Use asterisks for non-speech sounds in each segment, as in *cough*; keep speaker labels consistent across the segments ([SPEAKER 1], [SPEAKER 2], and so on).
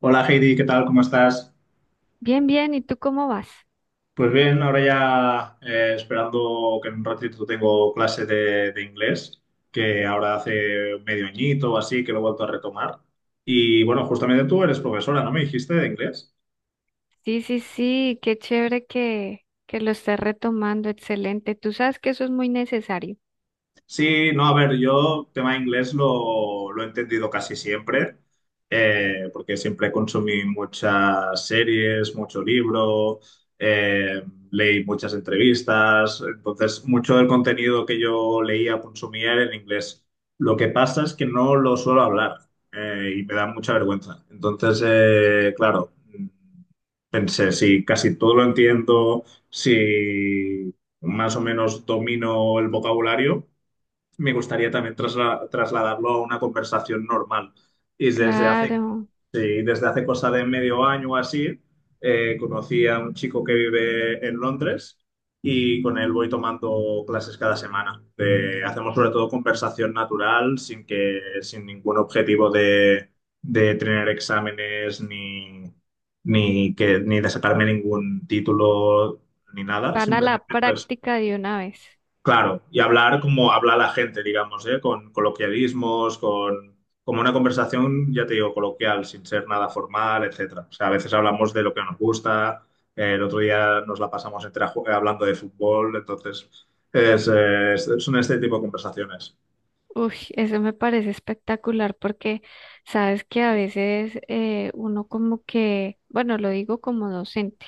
[SPEAKER 1] Hola Heidi, ¿qué tal? ¿Cómo estás?
[SPEAKER 2] Bien, bien, ¿y tú cómo vas?
[SPEAKER 1] Pues bien, ahora ya esperando que en un ratito tengo clase de inglés, que ahora hace medio añito o así que lo he vuelto a retomar. Y bueno, justamente tú eres profesora, ¿no me dijiste de inglés?
[SPEAKER 2] Sí, sí, sí, qué chévere que lo estés retomando, excelente. Tú sabes que eso es muy necesario.
[SPEAKER 1] Sí, no, a ver, yo tema inglés lo he entendido casi siempre, porque siempre consumí muchas series, mucho libro, eh, leí muchas entrevistas, entonces mucho del contenido que yo leía, consumía era en inglés. Lo que pasa es que no lo suelo hablar, y me da mucha vergüenza. Entonces, claro, pensé, si casi todo lo entiendo, si más o menos domino el vocabulario me gustaría también trasladarlo a una conversación normal. Y desde hace,
[SPEAKER 2] Claro,
[SPEAKER 1] sí, desde hace cosa de medio año o así, conocí a un chico que vive en Londres y con él voy tomando clases cada semana. Hacemos sobre todo conversación natural sin ningún objetivo de tener exámenes ni de sacarme ningún título ni nada.
[SPEAKER 2] van a la
[SPEAKER 1] Simplemente pues
[SPEAKER 2] práctica de una vez.
[SPEAKER 1] claro, y hablar como habla la gente, digamos, ¿eh? Con coloquialismos, con como una conversación, ya te digo, coloquial, sin ser nada formal, etcétera. O sea, a veces hablamos de lo que nos gusta, el otro día nos la pasamos entera hablando de fútbol, entonces es, son este tipo de conversaciones.
[SPEAKER 2] Uy, eso me parece espectacular porque sabes que a veces uno como que, bueno, lo digo como docente,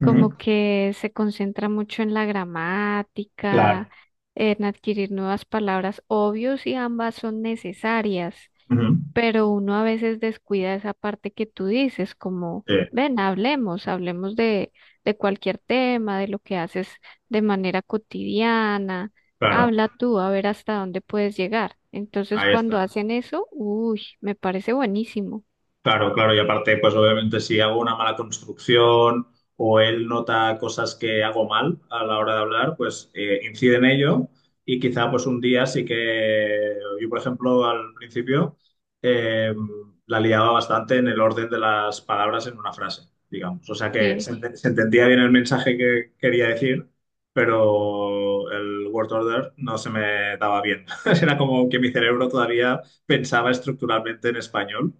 [SPEAKER 1] Ujú.
[SPEAKER 2] como que se concentra mucho en la gramática,
[SPEAKER 1] Claro.
[SPEAKER 2] en adquirir nuevas palabras, obvio si ambas son necesarias,
[SPEAKER 1] Ujú.
[SPEAKER 2] pero uno a veces descuida esa parte que tú dices, como,
[SPEAKER 1] Sí,
[SPEAKER 2] ven, hablemos, de cualquier tema, de lo que haces de manera cotidiana,
[SPEAKER 1] claro,
[SPEAKER 2] habla tú, a ver hasta dónde puedes llegar. Entonces,
[SPEAKER 1] ahí
[SPEAKER 2] cuando
[SPEAKER 1] está.
[SPEAKER 2] hacen eso, uy, me parece buenísimo.
[SPEAKER 1] Claro, claro, y aparte, pues obviamente si hago una mala construcción o él nota cosas que hago mal a la hora de hablar, pues incide en ello y quizá pues un día sí que yo, por ejemplo, al principio eh, la liaba bastante en el orden de las palabras en una frase, digamos. O sea que se,
[SPEAKER 2] Sí.
[SPEAKER 1] se entendía bien el mensaje que quería decir, pero el word order no se me daba bien. *laughs* Era como que mi cerebro todavía pensaba estructuralmente en español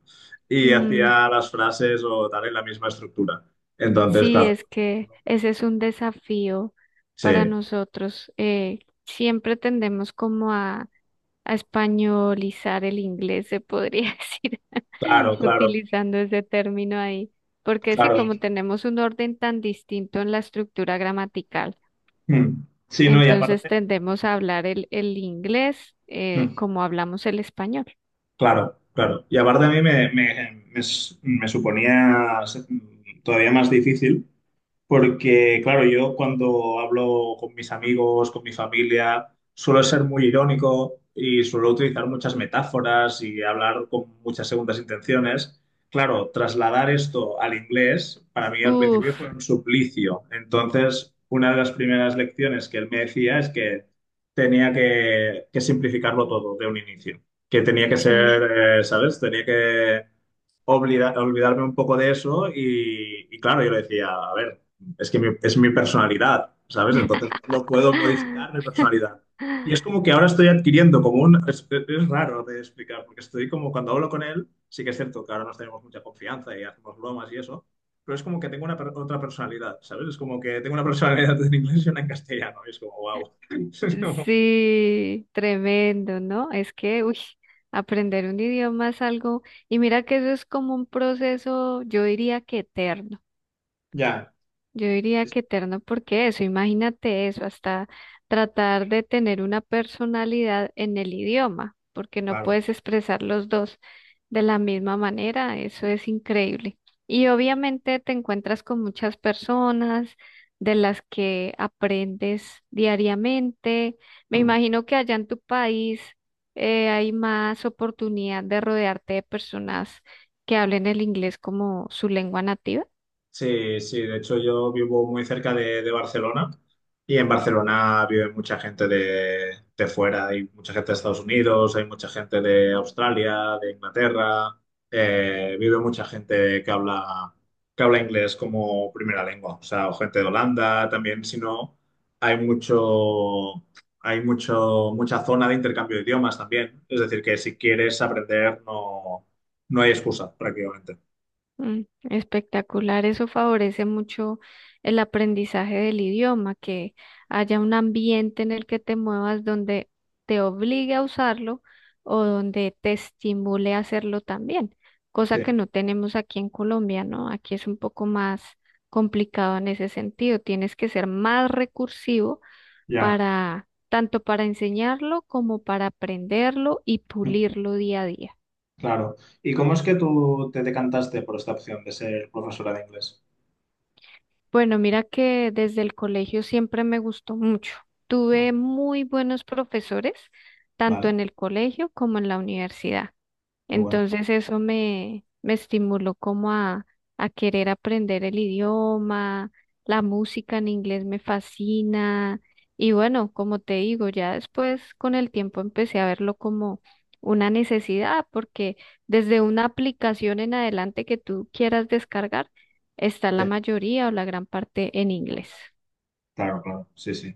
[SPEAKER 1] y
[SPEAKER 2] Mm,
[SPEAKER 1] hacía las frases o tal en la misma estructura. Entonces,
[SPEAKER 2] sí,
[SPEAKER 1] claro,
[SPEAKER 2] es que ese es un desafío para
[SPEAKER 1] sí,
[SPEAKER 2] nosotros. Siempre tendemos como a españolizar el inglés, se podría *laughs* decir,
[SPEAKER 1] claro, claro,
[SPEAKER 2] utilizando ese término ahí, porque sí,
[SPEAKER 1] claro.
[SPEAKER 2] como tenemos un orden tan distinto en la estructura gramatical,
[SPEAKER 1] Mm. Sí, no, y
[SPEAKER 2] entonces
[SPEAKER 1] aparte,
[SPEAKER 2] tendemos a hablar el inglés
[SPEAKER 1] mm,
[SPEAKER 2] como hablamos el español.
[SPEAKER 1] claro, claro. Y aparte a mí me suponía ser todavía más difícil. Porque, claro, yo cuando hablo con mis amigos, con mi familia, suelo ser muy irónico y suelo utilizar muchas metáforas y hablar con muchas segundas intenciones. Claro, trasladar esto al inglés para mí al
[SPEAKER 2] Uf,
[SPEAKER 1] principio fue un suplicio. Entonces, una de las primeras lecciones que él me decía es que tenía que simplificarlo todo de un inicio, que tenía que
[SPEAKER 2] sí.
[SPEAKER 1] ser, ¿sabes? Tenía que olvidarme un poco de eso y claro, yo le decía, a ver es que es mi personalidad, ¿sabes? Entonces no lo puedo modificar mi
[SPEAKER 2] *laughs*
[SPEAKER 1] personalidad. Y es como que ahora estoy adquiriendo como un... es raro de explicar, porque estoy como cuando hablo con él, sí que es cierto que ahora nos tenemos mucha confianza y hacemos bromas y eso, pero es como que tengo una otra personalidad, ¿sabes? Es como que tengo una personalidad en inglés y una en castellano, y es como, wow. *laughs*
[SPEAKER 2] Sí, tremendo, ¿no? Es que, uy, aprender un idioma es algo, y mira que eso es como un proceso, yo diría que eterno.
[SPEAKER 1] Ya,
[SPEAKER 2] Yo diría
[SPEAKER 1] sí, sí,
[SPEAKER 2] que eterno porque eso, imagínate eso, hasta tratar de tener una personalidad en el idioma, porque no
[SPEAKER 1] claro.
[SPEAKER 2] puedes expresar los dos de la misma manera, eso es increíble. Y
[SPEAKER 1] Sí.
[SPEAKER 2] obviamente te encuentras con muchas personas de las que aprendes diariamente. Me
[SPEAKER 1] Mm.
[SPEAKER 2] imagino que allá en tu país hay más oportunidad de rodearte de personas que hablen el inglés como su lengua nativa.
[SPEAKER 1] Sí, sí, de hecho yo vivo muy cerca de Barcelona y en Barcelona vive mucha gente de fuera, hay mucha gente de Estados Unidos, hay mucha gente de Australia, de Inglaterra, vive mucha gente que habla inglés como primera lengua, o sea, o gente de Holanda también, si no, hay mucho, hay mucho, mucha zona de intercambio de idiomas también, es decir, que si quieres aprender no, no hay excusa prácticamente.
[SPEAKER 2] Mm. Espectacular, eso favorece mucho el aprendizaje del idioma, que haya un ambiente en el que te muevas donde te obligue a usarlo o donde te estimule a hacerlo también, cosa
[SPEAKER 1] Sí,
[SPEAKER 2] que no tenemos aquí en Colombia, ¿no? Aquí es un poco más complicado en ese sentido, tienes que ser más recursivo
[SPEAKER 1] ya.
[SPEAKER 2] para tanto para enseñarlo como para aprenderlo y pulirlo día a día.
[SPEAKER 1] Claro. ¿Y cómo es que tú te decantaste por esta opción de ser profesora de inglés?
[SPEAKER 2] Bueno, mira que desde el colegio siempre me gustó mucho. Tuve
[SPEAKER 1] Ah,
[SPEAKER 2] muy buenos profesores, tanto
[SPEAKER 1] vale,
[SPEAKER 2] en el colegio como en la universidad.
[SPEAKER 1] qué bueno.
[SPEAKER 2] Entonces eso me estimuló como a querer aprender el idioma, la música en inglés me fascina y bueno, como te digo, ya después con el tiempo empecé a verlo como una necesidad porque desde una aplicación en adelante que tú quieras descargar, está la
[SPEAKER 1] Sí.
[SPEAKER 2] mayoría o la gran parte en inglés.
[SPEAKER 1] Claro, claro, sí, sí.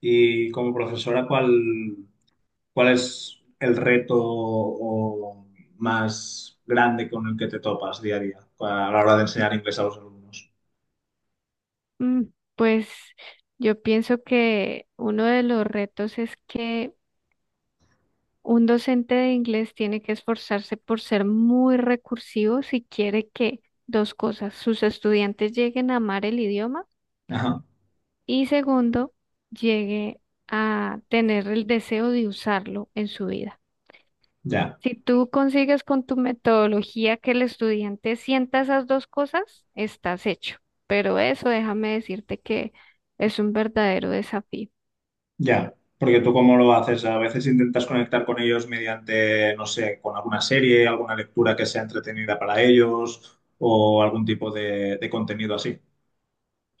[SPEAKER 1] Y como profesora, ¿cuál es el reto o más grande con el que te topas día a día a la hora de enseñar inglés a los alumnos?
[SPEAKER 2] Mm, pues yo pienso que uno de los retos es que un docente de inglés tiene que esforzarse por ser muy recursivo si quiere que dos cosas, sus estudiantes lleguen a amar el idioma
[SPEAKER 1] Ajá,
[SPEAKER 2] y segundo, llegue a tener el deseo de usarlo en su vida.
[SPEAKER 1] ya.
[SPEAKER 2] Si tú consigues con tu metodología que el estudiante sienta esas dos cosas, estás hecho. Pero eso déjame decirte que es un verdadero desafío.
[SPEAKER 1] Ya, porque tú cómo lo haces, a veces intentas conectar con ellos mediante, no sé, con alguna serie, alguna lectura que sea entretenida para ellos o algún tipo de contenido así.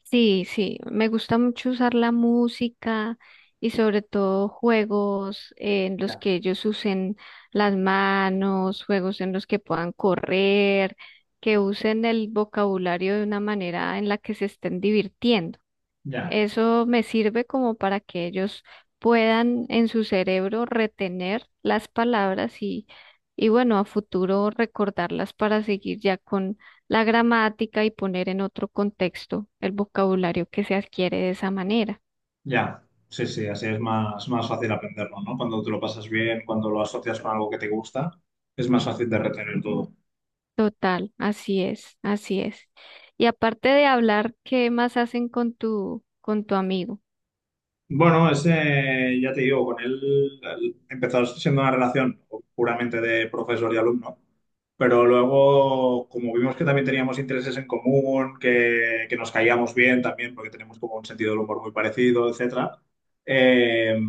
[SPEAKER 2] Sí, sí, me gusta mucho usar la música y sobre todo juegos en los
[SPEAKER 1] Ya,
[SPEAKER 2] que ellos usen las manos, juegos en los que puedan correr, que usen el vocabulario de una manera en la que se estén divirtiendo.
[SPEAKER 1] ya,
[SPEAKER 2] Eso me sirve como para que ellos puedan en su cerebro retener las palabras y bueno, a futuro recordarlas para seguir ya con la gramática y poner en otro contexto el vocabulario que se adquiere de esa manera.
[SPEAKER 1] ya. Sí, sí, así es más, más fácil aprenderlo, ¿no? Cuando te lo pasas bien, cuando lo asocias con algo que te gusta, es más fácil de retener todo.
[SPEAKER 2] Total, así es, así es. Y aparte de hablar, ¿qué más hacen con con tu amigo? *laughs*
[SPEAKER 1] Bueno, ese, ya te digo, con él empezó siendo una relación puramente de profesor y alumno, pero luego, como vimos que también teníamos intereses en común, que nos caíamos bien también, porque tenemos como un sentido del humor muy parecido, etcétera, eh,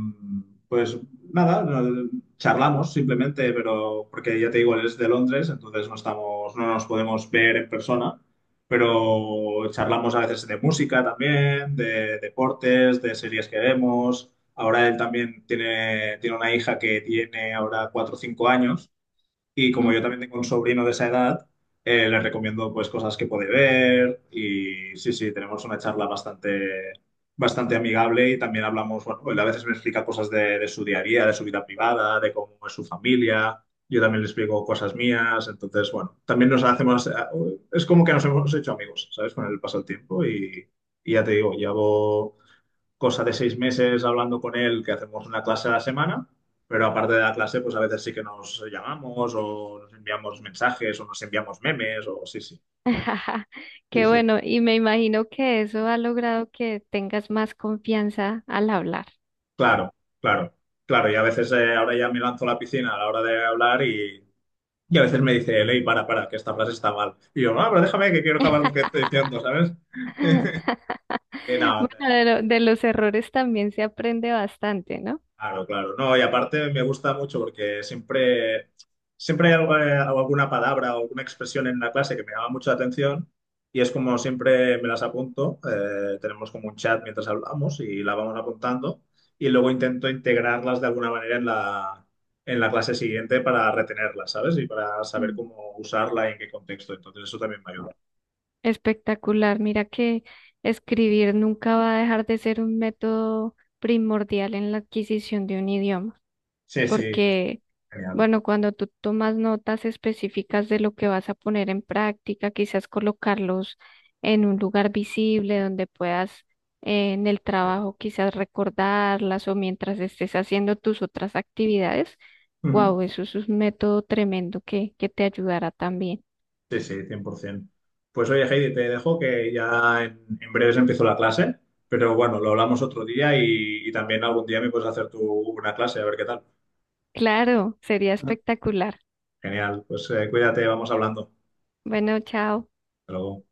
[SPEAKER 1] pues nada, charlamos simplemente, pero porque ya te digo, él es de Londres, entonces no estamos, no nos podemos ver en persona pero charlamos a veces de música también, de deportes, de series que vemos. Ahora él también tiene, tiene una hija que tiene ahora cuatro o cinco años y como
[SPEAKER 2] Mm,
[SPEAKER 1] yo también tengo un sobrino de esa edad, le recomiendo pues cosas que puede ver y sí, sí, tenemos una charla bastante, bastante amigable y también hablamos, bueno, él a veces me explica cosas de su día a día, de su vida privada, de cómo es su familia, yo también le explico cosas mías, entonces, bueno, también nos hacemos, es como que nos hemos hecho amigos, ¿sabes? Con el paso del tiempo y ya te digo, llevo cosa de seis meses hablando con él, que hacemos una clase a la semana, pero aparte de la clase, pues a veces sí que nos llamamos o nos enviamos mensajes o nos enviamos memes o sí, sí,
[SPEAKER 2] ja,
[SPEAKER 1] sí,
[SPEAKER 2] qué
[SPEAKER 1] sí.
[SPEAKER 2] bueno, y me imagino que eso ha logrado que tengas más confianza al hablar.
[SPEAKER 1] Claro, claro, claro. Y a veces ahora ya me lanzo a la piscina a la hora de hablar y a veces me dice él, "Ey, para, que esta frase está mal". Y yo, no, pero déjame que quiero acabar lo que estoy diciendo, ¿sabes?
[SPEAKER 2] *laughs* *laughs*
[SPEAKER 1] Y
[SPEAKER 2] Bueno,
[SPEAKER 1] nada,
[SPEAKER 2] de los errores también se aprende bastante, ¿no?
[SPEAKER 1] claro, claro. No, y aparte me gusta mucho porque siempre, alguna palabra o alguna expresión en la clase que me llama mucho la atención y es como siempre me las apunto. Tenemos como un chat mientras hablamos y la vamos apuntando y luego intento integrarlas de alguna manera en la clase siguiente para retenerlas, ¿sabes? Y para saber
[SPEAKER 2] Mm.
[SPEAKER 1] cómo usarla y en qué contexto. Entonces eso también me ayuda.
[SPEAKER 2] Espectacular. Mira que escribir nunca va a dejar de ser un método primordial en la adquisición de un idioma.
[SPEAKER 1] Sí, sí, es
[SPEAKER 2] Porque,
[SPEAKER 1] genial.
[SPEAKER 2] bueno, cuando tú tomas notas específicas de lo que vas a poner en práctica, quizás colocarlos en un lugar visible donde puedas en el
[SPEAKER 1] Sí.
[SPEAKER 2] trabajo quizás recordarlas o mientras estés haciendo tus otras actividades,
[SPEAKER 1] Ujú.
[SPEAKER 2] wow, eso es un método tremendo que te ayudará también.
[SPEAKER 1] Sí, sí, 100%. Pues oye, Heidi, te dejo que ya en breves empiezo la clase, pero bueno, lo hablamos otro día y también algún día me puedes hacer tú una clase, a ver qué tal.
[SPEAKER 2] Claro, sería espectacular.
[SPEAKER 1] Genial, pues cuídate, vamos hablando.
[SPEAKER 2] Bueno, chao.
[SPEAKER 1] Hasta luego.